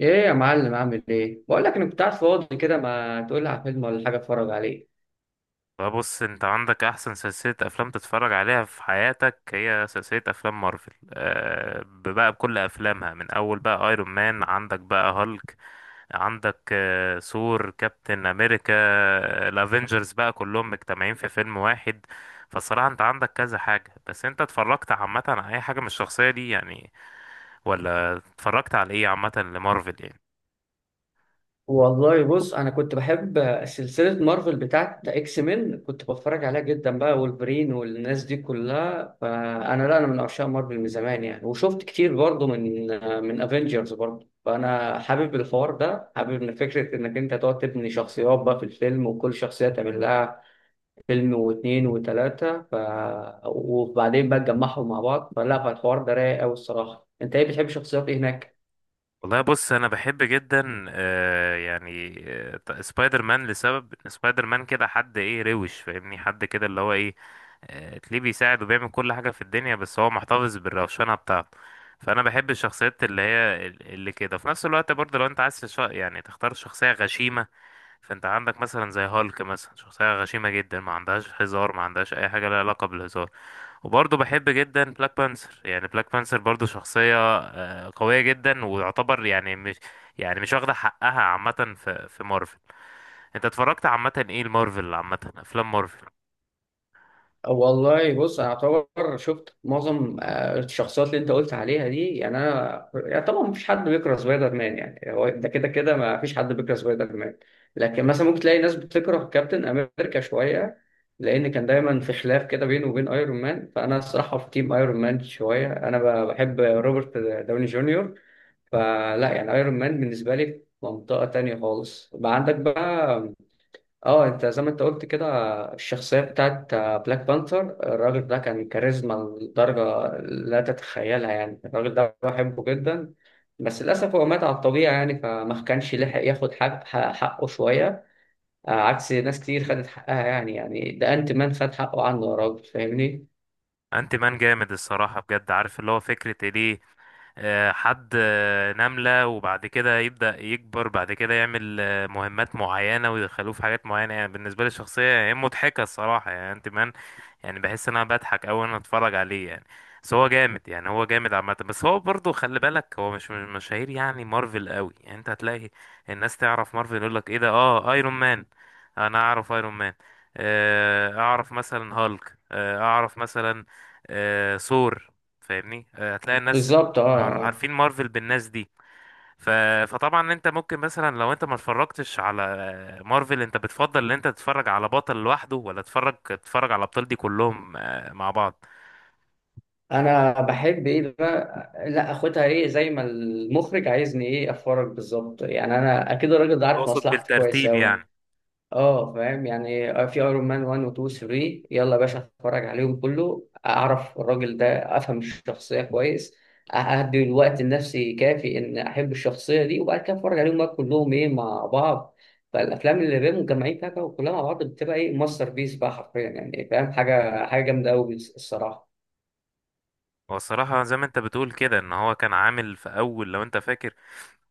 ايه يا معلم؟ عامل ايه؟ بقول لك انا كنت قاعد فاضي كده، ما تقول لي على فيلم ولا حاجه اتفرج عليه. فبص، انت عندك احسن سلسلة افلام تتفرج عليها في حياتك، هي سلسلة افلام مارفل، بقى بكل افلامها، من اول بقى ايرون مان، عندك بقى هالك، عندك ثور، كابتن امريكا، الافينجرز بقى كلهم مجتمعين في فيلم واحد. فالصراحة انت عندك كذا حاجة، بس انت اتفرجت عامة على اي حاجة من الشخصية دي يعني؟ ولا اتفرجت على ايه عامة لمارفل يعني؟ والله بص، انا كنت بحب سلسله مارفل بتاعت اكس مين، كنت بتفرج عليها جدا بقى، وولفرين والناس دي كلها. فانا لا انا من عشاق مارفل من زمان يعني، وشفت كتير برضه من افنجرز برضه. فانا حابب الحوار ده، حابب ان فكره انك انت تقعد تبني شخصيات بقى في الفيلم، وكل شخصيه تعمل لها فيلم واتنين وتلاتة وبعدين بقى اتجمعهم مع بعض. فالحوار ده رايق أوي الصراحة. أنت إيه بتحب شخصيات إيه هناك؟ والله بص، انا بحب جدا، يعني، سبايدر مان، لسبب إن سبايدر مان كده حد ايه روش، فاهمني؟ حد كده اللي هو ايه، تلاقيه بيساعد وبيعمل كل حاجة في الدنيا، بس هو محتفظ بالروشنة بتاعته. فانا بحب الشخصيات اللي كده في نفس الوقت، برضه لو انت عايز يعني تختار شخصية غشيمة، فانت عندك مثلا زي هالك مثلا، شخصية غشيمة جدا، ما عندهاش هزار، ما عندهاش اي حاجة لها علاقة بالهزار. وبرضه بحب جدا بلاك بانثر، يعني بلاك بانثر برضه شخصية قوية جدا، ويعتبر يعني مش واخدة حقها عامة في مارفل. انت اتفرجت عامة ايه المارفل؟ عامة افلام مارفل؟ والله بص، أنا أعتبر شفت معظم الشخصيات اللي أنت قلت عليها دي يعني. أنا يعني طبعا مفيش حد بيكره سبايدر مان، يعني هو ده كده كده مفيش حد بيكره سبايدر مان. لكن مثلا ممكن تلاقي ناس بتكره كابتن أمريكا شوية، لأن كان دايما في خلاف كده بينه وبين أيرون مان. فأنا الصراحة في تيم أيرون مان شوية، أنا بحب روبرت داوني جونيور. فلا يعني ايرون مان بالنسبه لي في منطقه تانية خالص. بقى عندك بقى اه، انت زي ما انت قلت كده، الشخصيه بتاعت بلاك بانثر. الراجل ده كان كاريزما لدرجه لا تتخيلها يعني، الراجل ده بحبه جدا. بس للاسف هو مات على الطبيعه يعني، فما كانش لحق ياخد حقه شويه، عكس ناس كتير خدت حقها يعني. يعني ده انت مان خد حقه عنه يا راجل، فاهمني؟ انت مان جامد الصراحة، بجد. عارف اللي هو فكرة إيه؟ ليه حد نملة وبعد كده يبدأ يكبر، بعد كده يعمل مهمات معينة ويدخلوه في حاجات معينة، يعني بالنسبة لي الشخصية هي مضحكة الصراحة، يعني انت مان. يعني بحس ان انا بضحك اوي وانا اتفرج عليه يعني. بس هو جامد يعني، هو جامد عامة، بس هو برضه خلي بالك هو مش مشاهير يعني مارفل قوي، يعني انت هتلاقي الناس تعرف مارفل، يقول لك ايه ده؟ اه ايرون مان، انا اعرف ايرون مان، اعرف مثلا هالك، اعرف مثلا ثور، فاهمني؟ هتلاقي الناس بالظبط مع اه. عارفين مارفل بالناس دي. ف... فطبعا انت ممكن مثلا لو انت ما اتفرجتش على مارفل، انت بتفضل ان انت تتفرج على بطل لوحده، ولا تتفرج على الابطال دي كلهم مع بعض؟ انا بحب ايه بقى، لا اخدها ايه زي ما المخرج عايزني ايه افرج بالظبط يعني، انا اكيد الراجل ده عارف اقصد مصلحتي كويس بالترتيب اوي. يعني. اه فاهم، يعني في ايرون مان 1 و 2 و 3، يلا يا باشا اتفرج عليهم كله، اعرف الراجل ده، افهم الشخصيه كويس، اهدي الوقت النفسي كافي ان احب الشخصيه دي، وبعد كده اتفرج عليهم بقى كلهم ايه مع بعض. فالافلام اللي بيبقوا مجمعين فيها بقى وكلها مع بعض بتبقى ايه، ماستر بيس بقى حرفيا، يعني فاهم حاجه، حاجه جامده قوي الصراحه. هو الصراحة زي ما انت بتقول كده، ان هو كان عامل في اول، لو انت فاكر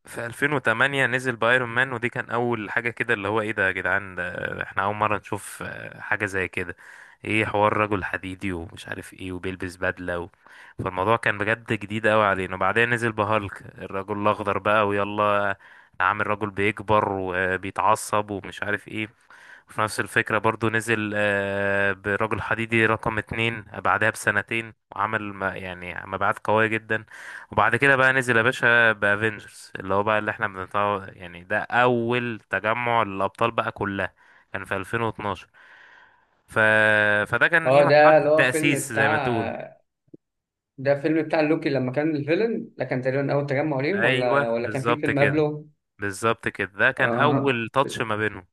في 2008 نزل بايرون مان، ودي كان اول حاجه كده اللي هو ايه ده يا جدعان، ده احنا اول مره نشوف حاجه زي كده، ايه، حوار رجل حديدي ومش عارف ايه، وبيلبس بدله فالموضوع كان بجد جديد قوي علينا، وبعدين نزل بهالك الرجل الاخضر بقى، ويلا، عامل رجل بيكبر وبيتعصب ومش عارف ايه. وفي نفس الفكرة برضو نزل برجل حديدي رقم اتنين بعدها بسنتين، وعمل يعني مبيعات قوية جدا. وبعد كده بقى نزل يا باشا بافنجرز اللي هو بقى اللي احنا بنطلع، يعني ده اول تجمع للابطال بقى كلها، كان في 2012. ف... فده كان ايه، اه مرحله ده اللي هو فيلم التاسيس زي ما تقول. بتاع، ده فيلم بتاع لوكي لما كان الفيلن ده، كان تقريبا اول تجمع ليهم، ايوه ولا كان في بالظبط فيلم كده، قبله؟ بالظبط كده، ده كان اه اول تاتش ما بينهم.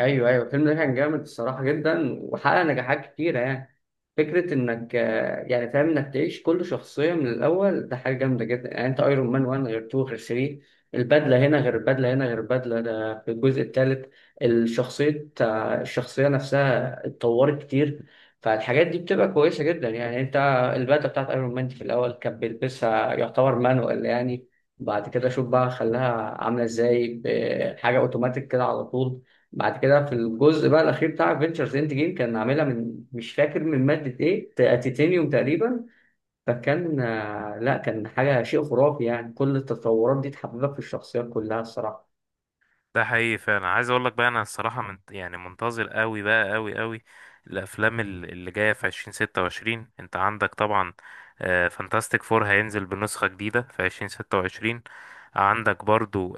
ايوه ايوه، الفيلم ده كان جامد الصراحه جدا، وحقق نجاحات كتيره يعني. فكره انك يعني فاهم انك تعيش كل شخصيه من الاول ده حاجه جامده جدا يعني، انت ايرون مان 1 غير 2 غير 3، البدله هنا غير البدله هنا غير البدله ده في الجزء الثالث. الشخصيه الشخصيه نفسها اتطورت كتير. فالحاجات دي بتبقى كويسه جدا يعني. انت البدله بتاعت ايرون مان دي في الاول كان بيلبسها يعتبر مانوال يعني، بعد كده شوف بقى خلاها عامله ازاي، بحاجه اوتوماتيك كده على طول. بعد كده في الجزء بقى الاخير بتاع فينتشرز اند جيم، كان عاملها من، مش فاكر من ماده ايه، تيتانيوم تقريبا. فكان لا كان حاجه شيء خرافي يعني. كل التطورات دي تحببك في الشخصيات كلها الصراحه. ده حقيقي فعلا. عايز اقول لك بقى، انا الصراحه من يعني منتظر قوي بقى، قوي قوي، الافلام اللي جايه في 2026، انت عندك طبعا فانتاستيك فور هينزل بنسخه جديده في 2026، عندك برضو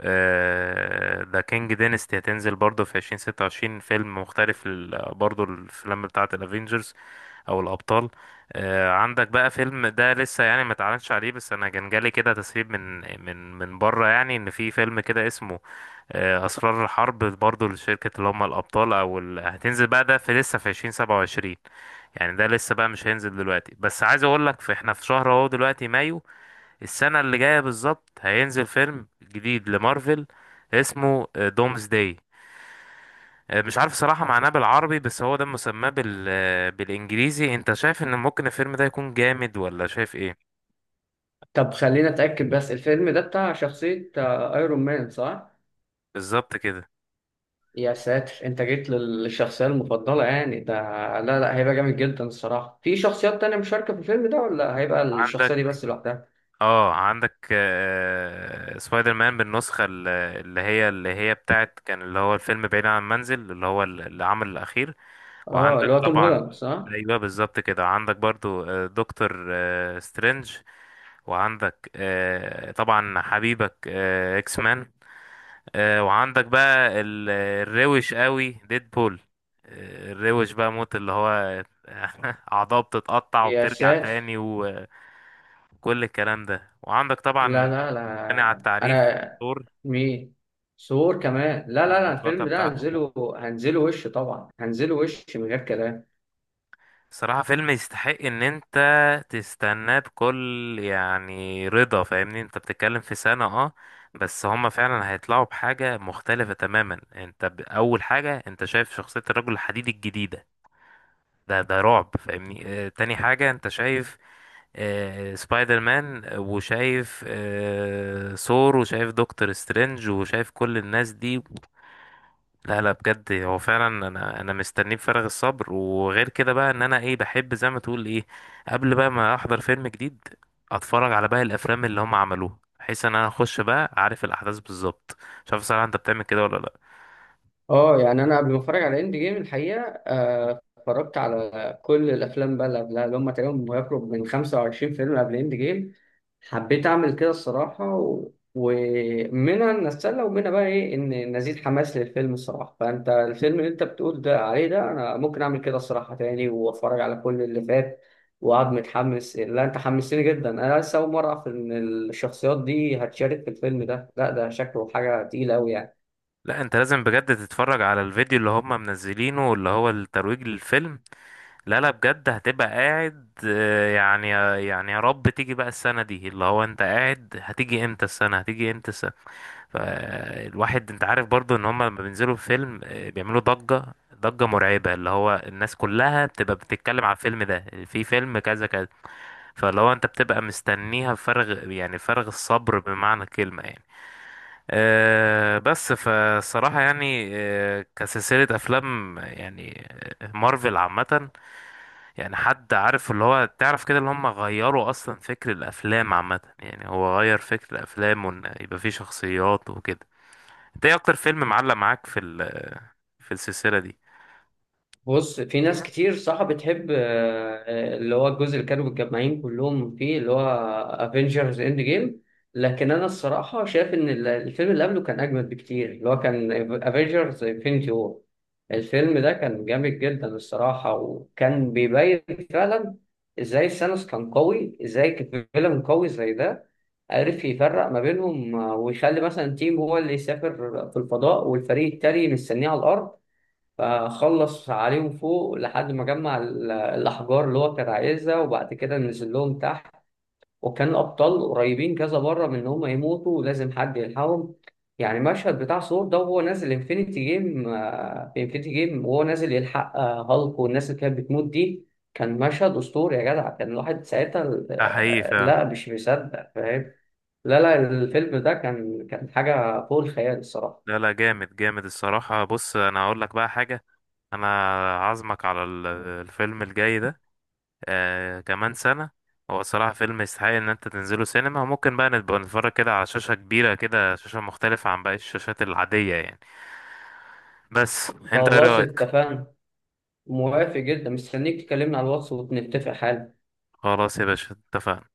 ذا كينج دينستي هتنزل برضو في 2026، فيلم مختلف برضو الافلام بتاعه الافينجرز او الابطال. عندك بقى فيلم ده لسه يعني ما اتعلنش عليه، بس انا كان جالي كده تسريب من بره، يعني ان في فيلم كده اسمه اسرار الحرب برضو لشركة اللي هم الابطال او هتنزل بقى ده، في لسه في 2027، يعني ده لسه بقى مش هينزل دلوقتي، بس عايز اقول لك، في احنا في شهر اهو دلوقتي مايو، السنة اللي جاية بالظبط هينزل فيلم جديد لمارفل اسمه دومز داي، مش عارف صراحة معناه بالعربي، بس هو ده مسماه بالانجليزي. انت شايف ان ممكن الفيلم ده يكون جامد، ولا شايف ايه؟ طب خلينا اتاكد بس، الفيلم ده بتاع شخصيه ايرون مان صح؟ بالظبط كده. يا ساتر، انت جيت للشخصيه المفضله يعني ده. لا لا، هيبقى جامد جدا الصراحه. في شخصيات تانية مشاركه في الفيلم ده، ولا هيبقى عندك الشخصيه دي بس لوحدها؟ اه عندك سبايدر مان بالنسخة اللي هي بتاعت كان، اللي هو الفيلم بعيد عن المنزل، اللي هو العمل الأخير. اه وعندك اللي هو توم طبعا. هولاند صح؟ أيوه بالظبط كده، عندك برضو دكتور سترينج، وعندك طبعا حبيبك اكس مان، وعندك بقى الروش قوي ديدبول، الروش بقى موت، اللي هو أعضاء بتتقطع يا وبترجع ساتر. تاني وكل الكلام ده. وعندك لا طبعا، لا غني على لا التعريف، انا. دور مين؟ ثور كمان؟ لا لا لا، المطرقة الفيلم ده بتاعته. هنزله هنزله وش طبعا، هنزله وش من غير كلام. صراحة فيلم يستحق ان انت تستناه بكل يعني رضا، فاهمني؟ انت بتتكلم في سنة بس هما فعلا هيطلعوا بحاجة مختلفة تماما. انت اول حاجة، انت شايف شخصية الرجل الحديد الجديدة، ده رعب، فاهمني؟ اه تاني حاجة، انت شايف سبايدر مان، وشايف ثور، وشايف دكتور سترينج، وشايف كل الناس دي. لا لا، بجد هو فعلا. انا مستنيه بفارغ الصبر، وغير كده بقى ان انا ايه، بحب زي ما تقول ايه، قبل بقى ما احضر فيلم جديد، اتفرج على باقي الافلام اللي هم عملوها، بحيث ان انا اخش بقى عارف الاحداث بالظبط. مش عارف صراحه، انت بتعمل كده ولا لا؟ اه يعني انا قبل ما اتفرج على اند جيم الحقيقه، اتفرجت على كل الافلام بقى اللي قبلها، اللي هم تقريبا يقرب من 25 فيلم قبل اند جيم. حبيت اعمل كده الصراحه، ومنها ان اتسلى، ومنها بقى ايه ان نزيد حماس للفيلم الصراحه. فانت الفيلم اللي انت بتقول ده عليه، ده انا ممكن اعمل كده الصراحه تاني، واتفرج على كل اللي فات، وقعد متحمس. لا انت حمستني جدا، انا لسه اول مره اعرف ان الشخصيات دي هتشارك في الفيلم ده، لا ده شكله حاجه تقيله قوي يعني. لا، انت لازم بجد تتفرج على الفيديو اللي هم منزلينه، اللي هو الترويج للفيلم. لا لا بجد، هتبقى قاعد يا رب تيجي بقى السنه دي، اللي هو انت قاعد هتيجي امتى السنه، هتيجي امتى السنه. فالواحد انت عارف برضو ان هما لما بينزلوا في فيلم بيعملوا ضجة، ضجة مرعبة، اللي هو الناس كلها بتبقى بتتكلم على الفيلم ده، في فيلم كذا كذا، فاللي هو انت بتبقى مستنيها بفارغ يعني، فارغ الصبر، بمعنى الكلمة يعني. بس فالصراحة يعني كسلسلة أفلام يعني مارفل عامة، يعني حد عارف اللي هو تعرف كده اللي هم غيروا أصلا فكر الأفلام عامة، يعني هو غير فكر الأفلام، وإن يبقى فيه شخصيات وكده. انت ايه اكتر فيلم معلق معاك في السلسلة دي؟ بص في في ناس ناس- كتير صح بتحب اللي هو الجزء اللي كانوا متجمعين كلهم فيه، اللي هو افنجرز اند جيم. لكن انا الصراحه شايف ان الفيلم اللي قبله كان اجمد بكتير، اللي هو كان افنجرز انفنتي وور. الفيلم ده كان جامد جدا الصراحه، وكان بيبين فعلا ازاي ثانوس كان قوي، ازاي فيلم قوي زي ده عرف يفرق ما بينهم، ويخلي مثلا تيم هو اللي يسافر في الفضاء، والفريق التاني مستنيه على الارض، فخلص عليهم فوق لحد ما جمع الأحجار اللي هو كان عايزها، وبعد كده نزل لهم تحت. وكان الأبطال قريبين كذا مرة من إن هم يموتوا، ولازم حد يلحقهم. يعني المشهد بتاع ثور ده وهو نازل انفينيتي جيم، في انفينيتي جيم وهو نازل يلحق هالك والناس اللي كانت بتموت دي، كان مشهد أسطوري يا جدع. كان الواحد ساعتها ده حقيقي فعلا. لا مش مصدق، فاهم؟ لا لا، الفيلم ده كان كان حاجة فوق الخيال الصراحة. لا لا، جامد جامد الصراحة. بص انا هقول لك بقى حاجة، انا عازمك على الفيلم الجاي ده، كمان سنة. هو صراحة فيلم يستحق ان انت تنزله سينما، ممكن بقى نبقى نتفرج كده على شاشة كبيرة كده، شاشة مختلفة عن باقي الشاشات العادية يعني. بس انت ايه خلاص رأيك؟ اتفقنا، موافق جدا، مستنيك تكلمني على الواتس ونتفق حالا. خلاص يا باشا، اتفقنا.